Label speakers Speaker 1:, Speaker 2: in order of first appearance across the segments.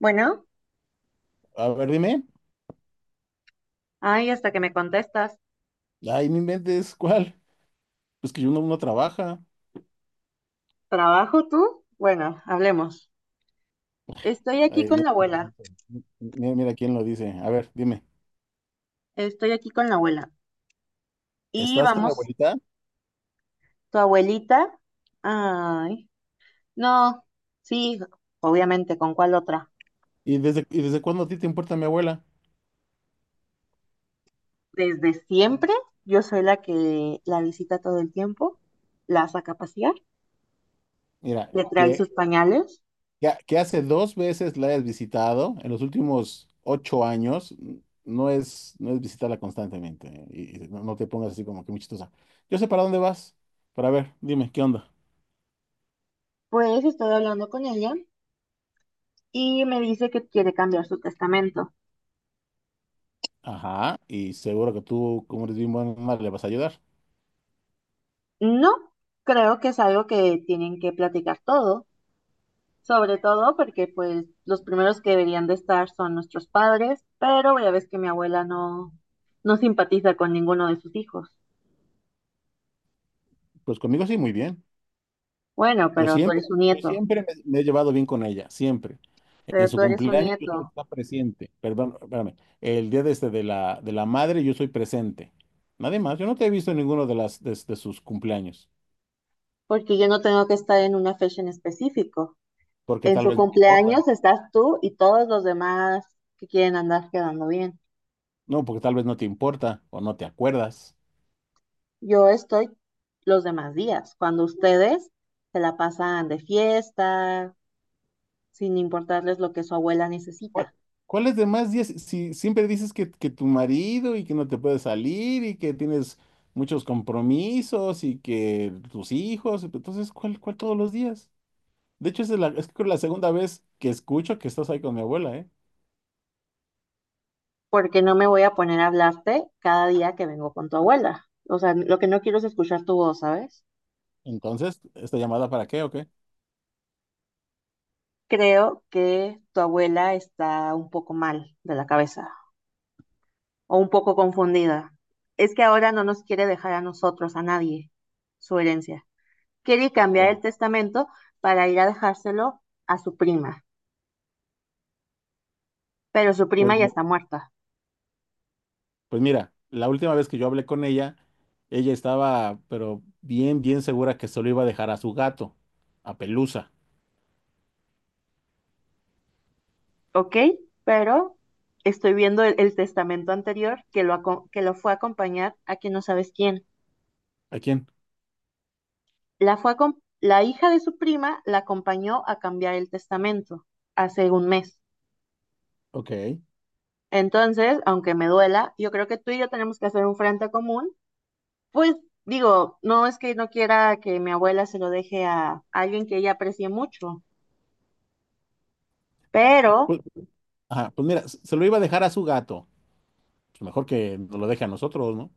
Speaker 1: Bueno,
Speaker 2: A ver, dime.
Speaker 1: ay, hasta que me contestas.
Speaker 2: Ay, no inventes, ¿cuál? Pues que uno trabaja.
Speaker 1: ¿Trabajo tú? Bueno, hablemos. Estoy aquí
Speaker 2: Ay,
Speaker 1: con
Speaker 2: mira
Speaker 1: la
Speaker 2: quién lo
Speaker 1: abuela.
Speaker 2: dice. Mira, mira quién lo dice. A ver, dime.
Speaker 1: Estoy aquí con la abuela. Y
Speaker 2: ¿Estás con mi
Speaker 1: vamos,
Speaker 2: abuelita?
Speaker 1: tu abuelita. Ay, no, sí, obviamente, ¿con cuál otra?
Speaker 2: ¿Y desde cuándo a ti te importa mi abuela?
Speaker 1: Desde siempre, yo soy la que la visita todo el tiempo, la saca a pasear,
Speaker 2: Mira,
Speaker 1: le trae sus
Speaker 2: que,
Speaker 1: pañales.
Speaker 2: que, que hace dos veces la hayas visitado en los últimos 8 años, no es visitarla constantemente, ¿eh? Y no te pongas así como que muy chistosa. Yo sé para dónde vas. Pero a ver, dime, ¿qué onda?
Speaker 1: Pues estoy hablando con ella y me dice que quiere cambiar su testamento.
Speaker 2: Ajá, y seguro que tú, como eres bien buena, le vas a ayudar.
Speaker 1: No, creo que es algo que tienen que platicar todos. Sobre todo porque pues los primeros que deberían de estar son nuestros padres, pero ya ves que mi abuela no simpatiza con ninguno de sus hijos.
Speaker 2: Pues conmigo sí, muy bien.
Speaker 1: Bueno,
Speaker 2: Yo
Speaker 1: pero tú
Speaker 2: siempre,
Speaker 1: eres su
Speaker 2: yo
Speaker 1: nieto,
Speaker 2: siempre me he llevado bien con ella, siempre. En
Speaker 1: pero
Speaker 2: su
Speaker 1: tú eres su
Speaker 2: cumpleaños yo soy
Speaker 1: nieto,
Speaker 2: está presente. Perdón, espérame. El día de de la madre yo soy presente. Nadie más. Yo no te he visto en ninguno de las de sus cumpleaños,
Speaker 1: porque yo no tengo que estar en una fecha en específico.
Speaker 2: porque
Speaker 1: En
Speaker 2: tal
Speaker 1: su
Speaker 2: vez no te importa.
Speaker 1: cumpleaños estás tú y todos los demás que quieren andar quedando bien.
Speaker 2: No, porque tal vez no te importa o no te acuerdas.
Speaker 1: Yo estoy los demás días, cuando ustedes se la pasan de fiesta, sin importarles lo que su abuela
Speaker 2: ¿Cuál-
Speaker 1: necesita.
Speaker 2: ¿Cuáles demás días? Si siempre dices que tu marido y que no te puedes salir y que tienes muchos compromisos y que tus hijos, entonces, ¿cuál todos los días? De hecho, esa es creo la segunda vez que escucho que estás ahí con mi abuela, ¿eh?
Speaker 1: Porque no me voy a poner a hablarte cada día que vengo con tu abuela. O sea, lo que no quiero es escuchar tu voz, ¿sabes?
Speaker 2: Entonces, ¿esta llamada para qué o qué?
Speaker 1: Creo que tu abuela está un poco mal de la cabeza o un poco confundida. Es que ahora no nos quiere dejar a nosotros, a nadie, su herencia. Quiere cambiar el
Speaker 2: Bueno,
Speaker 1: testamento para ir a dejárselo a su prima, pero su
Speaker 2: pues,
Speaker 1: prima ya está muerta,
Speaker 2: pues mira, la última vez que yo hablé con ella, ella estaba pero bien, bien segura que se lo iba a dejar a su gato, a Pelusa.
Speaker 1: ¿ok? Pero estoy viendo el testamento anterior que lo fue a acompañar a quien no sabes quién.
Speaker 2: ¿A quién?
Speaker 1: Fue a la hija de su prima la acompañó a cambiar el testamento hace un mes.
Speaker 2: Ok.
Speaker 1: Entonces, aunque me duela, yo creo que tú y yo tenemos que hacer un frente común. Pues digo, no es que no quiera que mi abuela se lo deje a alguien que ella aprecie mucho, pero,
Speaker 2: Pues, ajá, pues mira, se lo iba a dejar a su gato. Pues mejor que nos lo deje a nosotros, ¿no?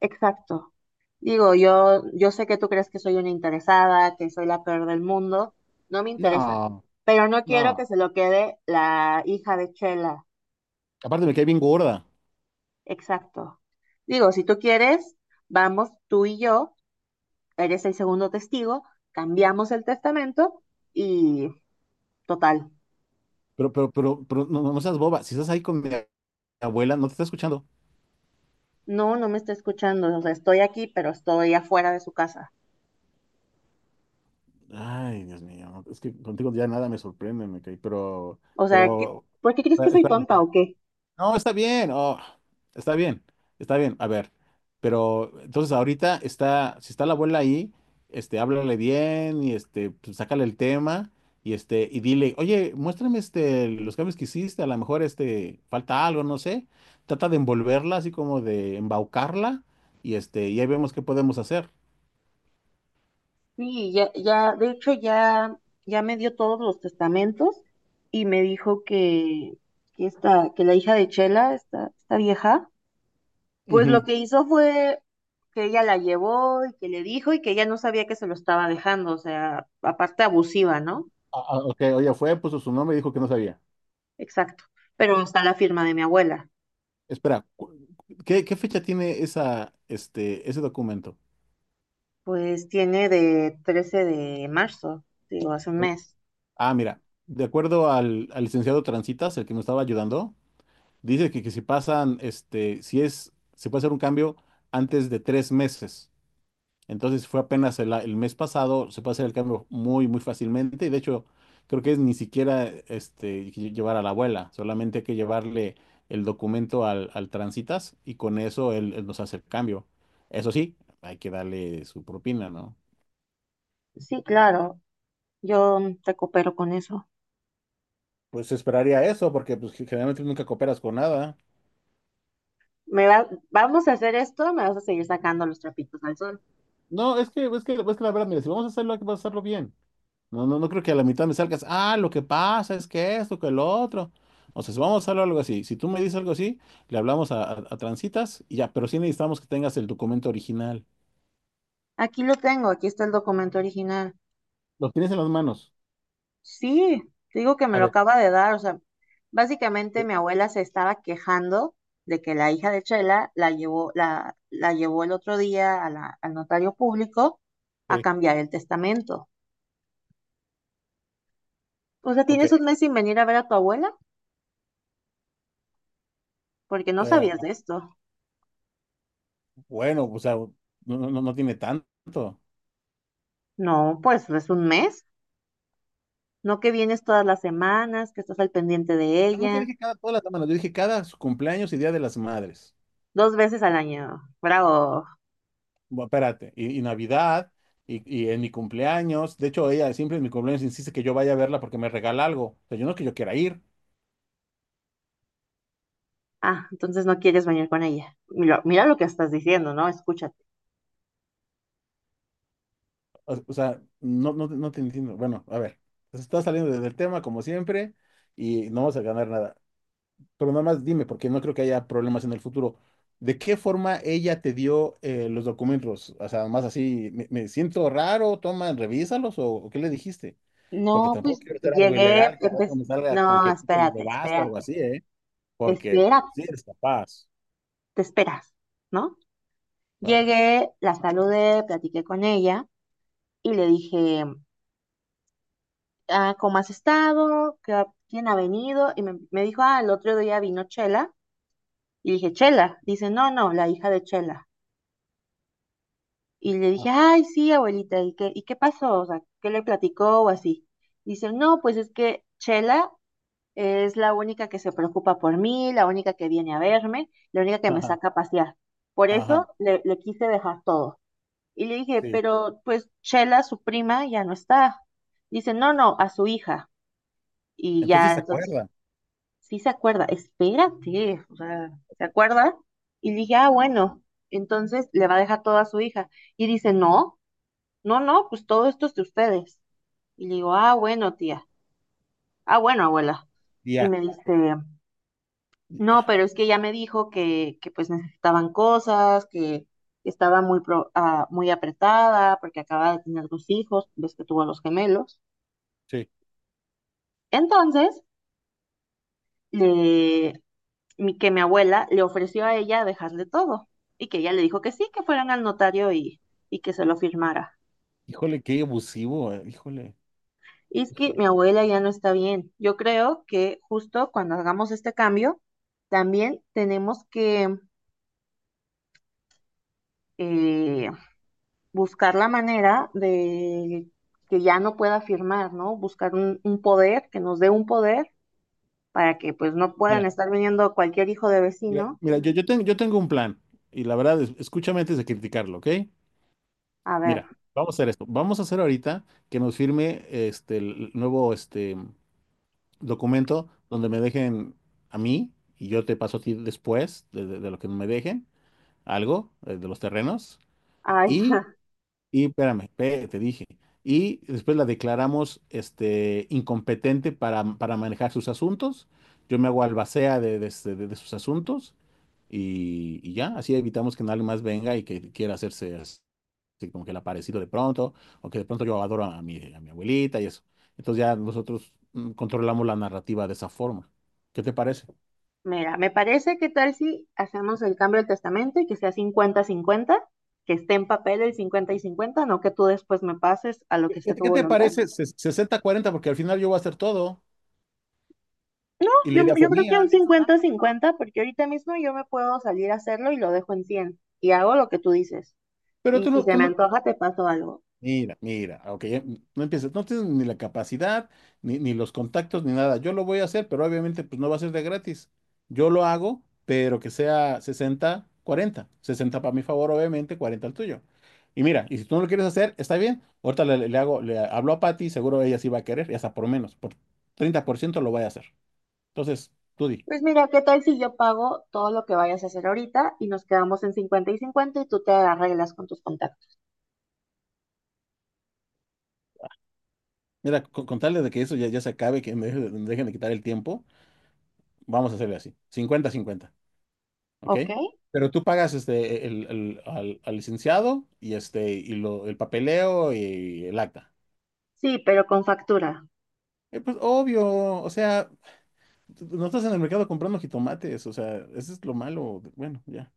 Speaker 1: exacto. Digo, yo sé que tú crees que soy una interesada, que soy la peor del mundo, no me interesa,
Speaker 2: No,
Speaker 1: pero no quiero que
Speaker 2: no.
Speaker 1: se lo quede la hija de Chela.
Speaker 2: Aparte me cae bien gorda.
Speaker 1: Exacto. Digo, si tú quieres, vamos tú y yo, eres el segundo testigo, cambiamos el testamento y total.
Speaker 2: Pero no seas boba. Si estás ahí con mi abuela, no te está escuchando.
Speaker 1: No, no me está escuchando, o sea, estoy aquí, pero estoy afuera de su casa.
Speaker 2: Ay, Dios mío, es que contigo ya nada me sorprende, me caí, pero,
Speaker 1: O sea,
Speaker 2: pero,
Speaker 1: ¿por qué crees que soy
Speaker 2: espérame,
Speaker 1: tonta o qué?
Speaker 2: No, está bien, oh, está bien, está bien, a ver, pero entonces ahorita está, si está la abuela ahí, háblale bien y sácale el tema y y dile, oye, muéstrame los cambios que hiciste, a lo mejor falta algo, no sé, trata de envolverla, así como de embaucarla y y ahí vemos qué podemos hacer.
Speaker 1: Sí, ya, ya, de hecho ya, ya me dio todos los testamentos y me dijo que la hija de Chela, esta vieja, pues lo
Speaker 2: Ujú.
Speaker 1: que hizo fue que ella la llevó y que le dijo y que ella no sabía que se lo estaba dejando, o sea, aparte abusiva, ¿no?
Speaker 2: Ah, ah, ok, oye, puso su nombre y dijo que no sabía.
Speaker 1: Exacto. Pero está la firma de mi abuela.
Speaker 2: Espera, ¿qué fecha tiene ese documento?
Speaker 1: Pues tiene de 13 de marzo, digo, hace un mes.
Speaker 2: Ah, mira, de acuerdo al, al licenciado Transitas, el que me estaba ayudando, dice que si pasan, este, si es, se puede hacer un cambio antes de 3 meses. Entonces fue apenas el mes pasado, se puede hacer el cambio muy, muy fácilmente. Y de hecho, creo que es ni siquiera llevar a la abuela, solamente hay que llevarle el documento al Transitas y con eso él nos hace el cambio. Eso sí, hay que darle su propina, ¿no?
Speaker 1: Sí, claro, yo te coopero con eso.
Speaker 2: Pues esperaría eso, porque pues, generalmente nunca cooperas con nada.
Speaker 1: Vamos a hacer esto, me vas a seguir sacando los trapitos al sol.
Speaker 2: No, es que la verdad, mira, si vamos a hacerlo, hay que hacerlo bien. No, creo que a la mitad me salgas, lo que pasa es que esto, que lo otro. O sea, si vamos a hacerlo algo así, si tú me dices algo así, le hablamos a Transitas y ya, pero sí necesitamos que tengas el documento original.
Speaker 1: Aquí lo tengo, aquí está el documento original.
Speaker 2: ¿Lo tienes en las manos?
Speaker 1: Sí, te digo que me
Speaker 2: A
Speaker 1: lo
Speaker 2: ver.
Speaker 1: acaba de dar, o sea, básicamente
Speaker 2: Sí,
Speaker 1: mi abuela se estaba quejando de que la hija de Chela la llevó, la llevó el otro día a al notario público a
Speaker 2: sí,
Speaker 1: cambiar el testamento. O sea,
Speaker 2: ok.
Speaker 1: ¿tienes un mes sin venir a ver a tu abuela? Porque no
Speaker 2: Eh,
Speaker 1: sabías de esto.
Speaker 2: bueno, o sea, no tiene tanto.
Speaker 1: No, pues es un mes. No que vienes todas las semanas, que estás al pendiente de
Speaker 2: Yo nunca
Speaker 1: ella,
Speaker 2: dije todas las semanas, yo dije cada su cumpleaños y Día de las Madres.
Speaker 1: dos veces al año. Bravo.
Speaker 2: Bueno, espérate, y Navidad, y en mi cumpleaños. De hecho, ella siempre en mi cumpleaños insiste que yo vaya a verla porque me regala algo. O sea, yo no es que yo quiera ir.
Speaker 1: Ah, entonces no quieres venir con ella. Mira, mira lo que estás diciendo, ¿no? Escúchate.
Speaker 2: O sea, no te entiendo. Bueno, a ver, se está saliendo del tema como siempre y no vas a ganar nada. Pero nada más dime, porque no creo que haya problemas en el futuro. ¿De qué forma ella te dio los documentos? O sea, más así, me siento raro, toma, revísalos o qué le dijiste. Porque
Speaker 1: No,
Speaker 2: tampoco
Speaker 1: pues
Speaker 2: quiero hacer algo
Speaker 1: llegué,
Speaker 2: ilegal que al rato
Speaker 1: empecé,
Speaker 2: me salga con
Speaker 1: no,
Speaker 2: que tú te los
Speaker 1: espérate,
Speaker 2: robaste, algo
Speaker 1: espérate,
Speaker 2: así, ¿eh? Porque
Speaker 1: espérate,
Speaker 2: sí eres capaz.
Speaker 1: te esperas, ¿no?
Speaker 2: A ver.
Speaker 1: Llegué, la saludé, platiqué con ella y le dije, ah, ¿cómo has estado? ¿Qué ¿Quién ha venido? Y me dijo, ah, el otro día vino Chela. Y dije, Chela. Dice, no, no, la hija de Chela. Y le
Speaker 2: Ah,
Speaker 1: dije, ay, sí, abuelita, ¿y qué pasó? O sea, ¿qué le platicó o así? Dice, no, pues es que Chela es la única que se preocupa por mí, la única que viene a verme, la única que me
Speaker 2: ajá,
Speaker 1: saca a pasear. Por
Speaker 2: ajá,
Speaker 1: eso le quise dejar todo. Y le dije,
Speaker 2: sí.
Speaker 1: pero pues Chela, su prima, ya no está. Dice, no, no, a su hija. Y
Speaker 2: Entonces
Speaker 1: ya,
Speaker 2: sí se
Speaker 1: entonces,
Speaker 2: acuerda.
Speaker 1: sí se acuerda, espérate, o sea, ¿se acuerda? Y le dije, ah, bueno, entonces le va a dejar todo a su hija. Y dice, no, no, no, pues todo esto es de ustedes. Y le digo, ah, bueno, tía, ah, bueno, abuela. Y
Speaker 2: Ya,
Speaker 1: me dice, no, pero es que ya me dijo que pues necesitaban cosas, que estaba muy apretada porque acaba de tener dos hijos, ves que tuvo a los gemelos.
Speaker 2: sí.
Speaker 1: Entonces, le- que mi abuela le ofreció a ella dejarle todo y que ella le dijo que sí, que fueran al notario y que se lo firmara.
Speaker 2: Híjole, qué abusivo, híjole.
Speaker 1: Y es que
Speaker 2: Híjole.
Speaker 1: mi abuela ya no está bien. Yo creo que justo cuando hagamos este cambio, también tenemos que eh, buscar la manera de que ya no pueda firmar, ¿no? Buscar un poder, que nos dé un poder para que pues no puedan
Speaker 2: Mira,
Speaker 1: estar viniendo cualquier hijo de
Speaker 2: mira,
Speaker 1: vecino.
Speaker 2: mira, yo tengo un plan y la verdad, escúchame antes de criticarlo, ¿ok?
Speaker 1: A ver,
Speaker 2: Mira, vamos a hacer esto. Vamos a hacer ahorita que nos firme el nuevo documento donde me dejen a mí y yo te paso a ti después de lo que me dejen, algo de los terrenos
Speaker 1: ay,
Speaker 2: y Y espérame, espérate, te dije. Y después la declaramos incompetente para manejar sus asuntos. Yo me hago albacea de sus asuntos y ya, así evitamos que nadie más venga y que quiera hacerse así como que el aparecido de pronto o que de pronto yo adoro a mi abuelita y eso. Entonces ya nosotros controlamos la narrativa de esa forma. ¿Qué te parece?
Speaker 1: mira, me parece que tal si hacemos el cambio del testamento y que sea 50-50, que esté en papel el 50 y 50, no que tú después me pases a lo
Speaker 2: ¿Qué,
Speaker 1: que
Speaker 2: qué
Speaker 1: sea
Speaker 2: te
Speaker 1: tu
Speaker 2: qué te
Speaker 1: voluntad.
Speaker 2: parece? 60-40, porque al final yo voy a hacer todo
Speaker 1: No,
Speaker 2: y la
Speaker 1: yo,
Speaker 2: idea fue
Speaker 1: yo creo que un
Speaker 2: mía.
Speaker 1: 50-50 porque ahorita mismo yo me puedo salir a hacerlo y lo dejo en 100 y hago lo que tú dices.
Speaker 2: Pero
Speaker 1: Y si se
Speaker 2: tú
Speaker 1: me
Speaker 2: no-
Speaker 1: antoja, te paso algo.
Speaker 2: Mira, mira, aunque no empieces, no tienes ni la capacidad, ni los contactos, ni nada. Yo lo voy a hacer, pero obviamente pues no va a ser de gratis. Yo lo hago, pero que sea 60, 40, 60 para mi favor, obviamente, 40 al tuyo. Y mira, y si tú no lo quieres hacer, está bien. Ahorita le hablo a Patty, seguro ella sí va a querer, y hasta por menos, por 30% lo voy a hacer. Entonces, tú di.
Speaker 1: Pues mira, ¿qué tal si yo pago todo lo que vayas a hacer ahorita y nos quedamos en 50 y 50 y tú te arreglas con tus contactos?
Speaker 2: Mira, con tal de que eso ya se acabe, que me dejen de quitar el tiempo, vamos a hacerle así. 50-50. ¿Ok?
Speaker 1: ¿Ok?
Speaker 2: Pero tú pagas al licenciado y el papeleo y el acta.
Speaker 1: Sí, pero con factura.
Speaker 2: Pues obvio, o sea, no estás en el mercado comprando jitomates, o sea, eso es lo malo. Bueno, ya.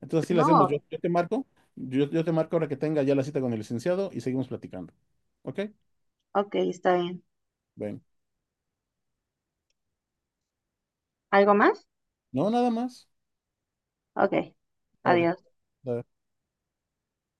Speaker 2: Entonces así lo hacemos. Yo,
Speaker 1: No,
Speaker 2: yo te marco, yo, yo te marco ahora que tenga ya la cita con el licenciado y seguimos platicando. ¿Ok?
Speaker 1: ok, está bien.
Speaker 2: Bueno,
Speaker 1: ¿Algo más?
Speaker 2: no, nada más.
Speaker 1: Ok,
Speaker 2: Órale.
Speaker 1: adiós.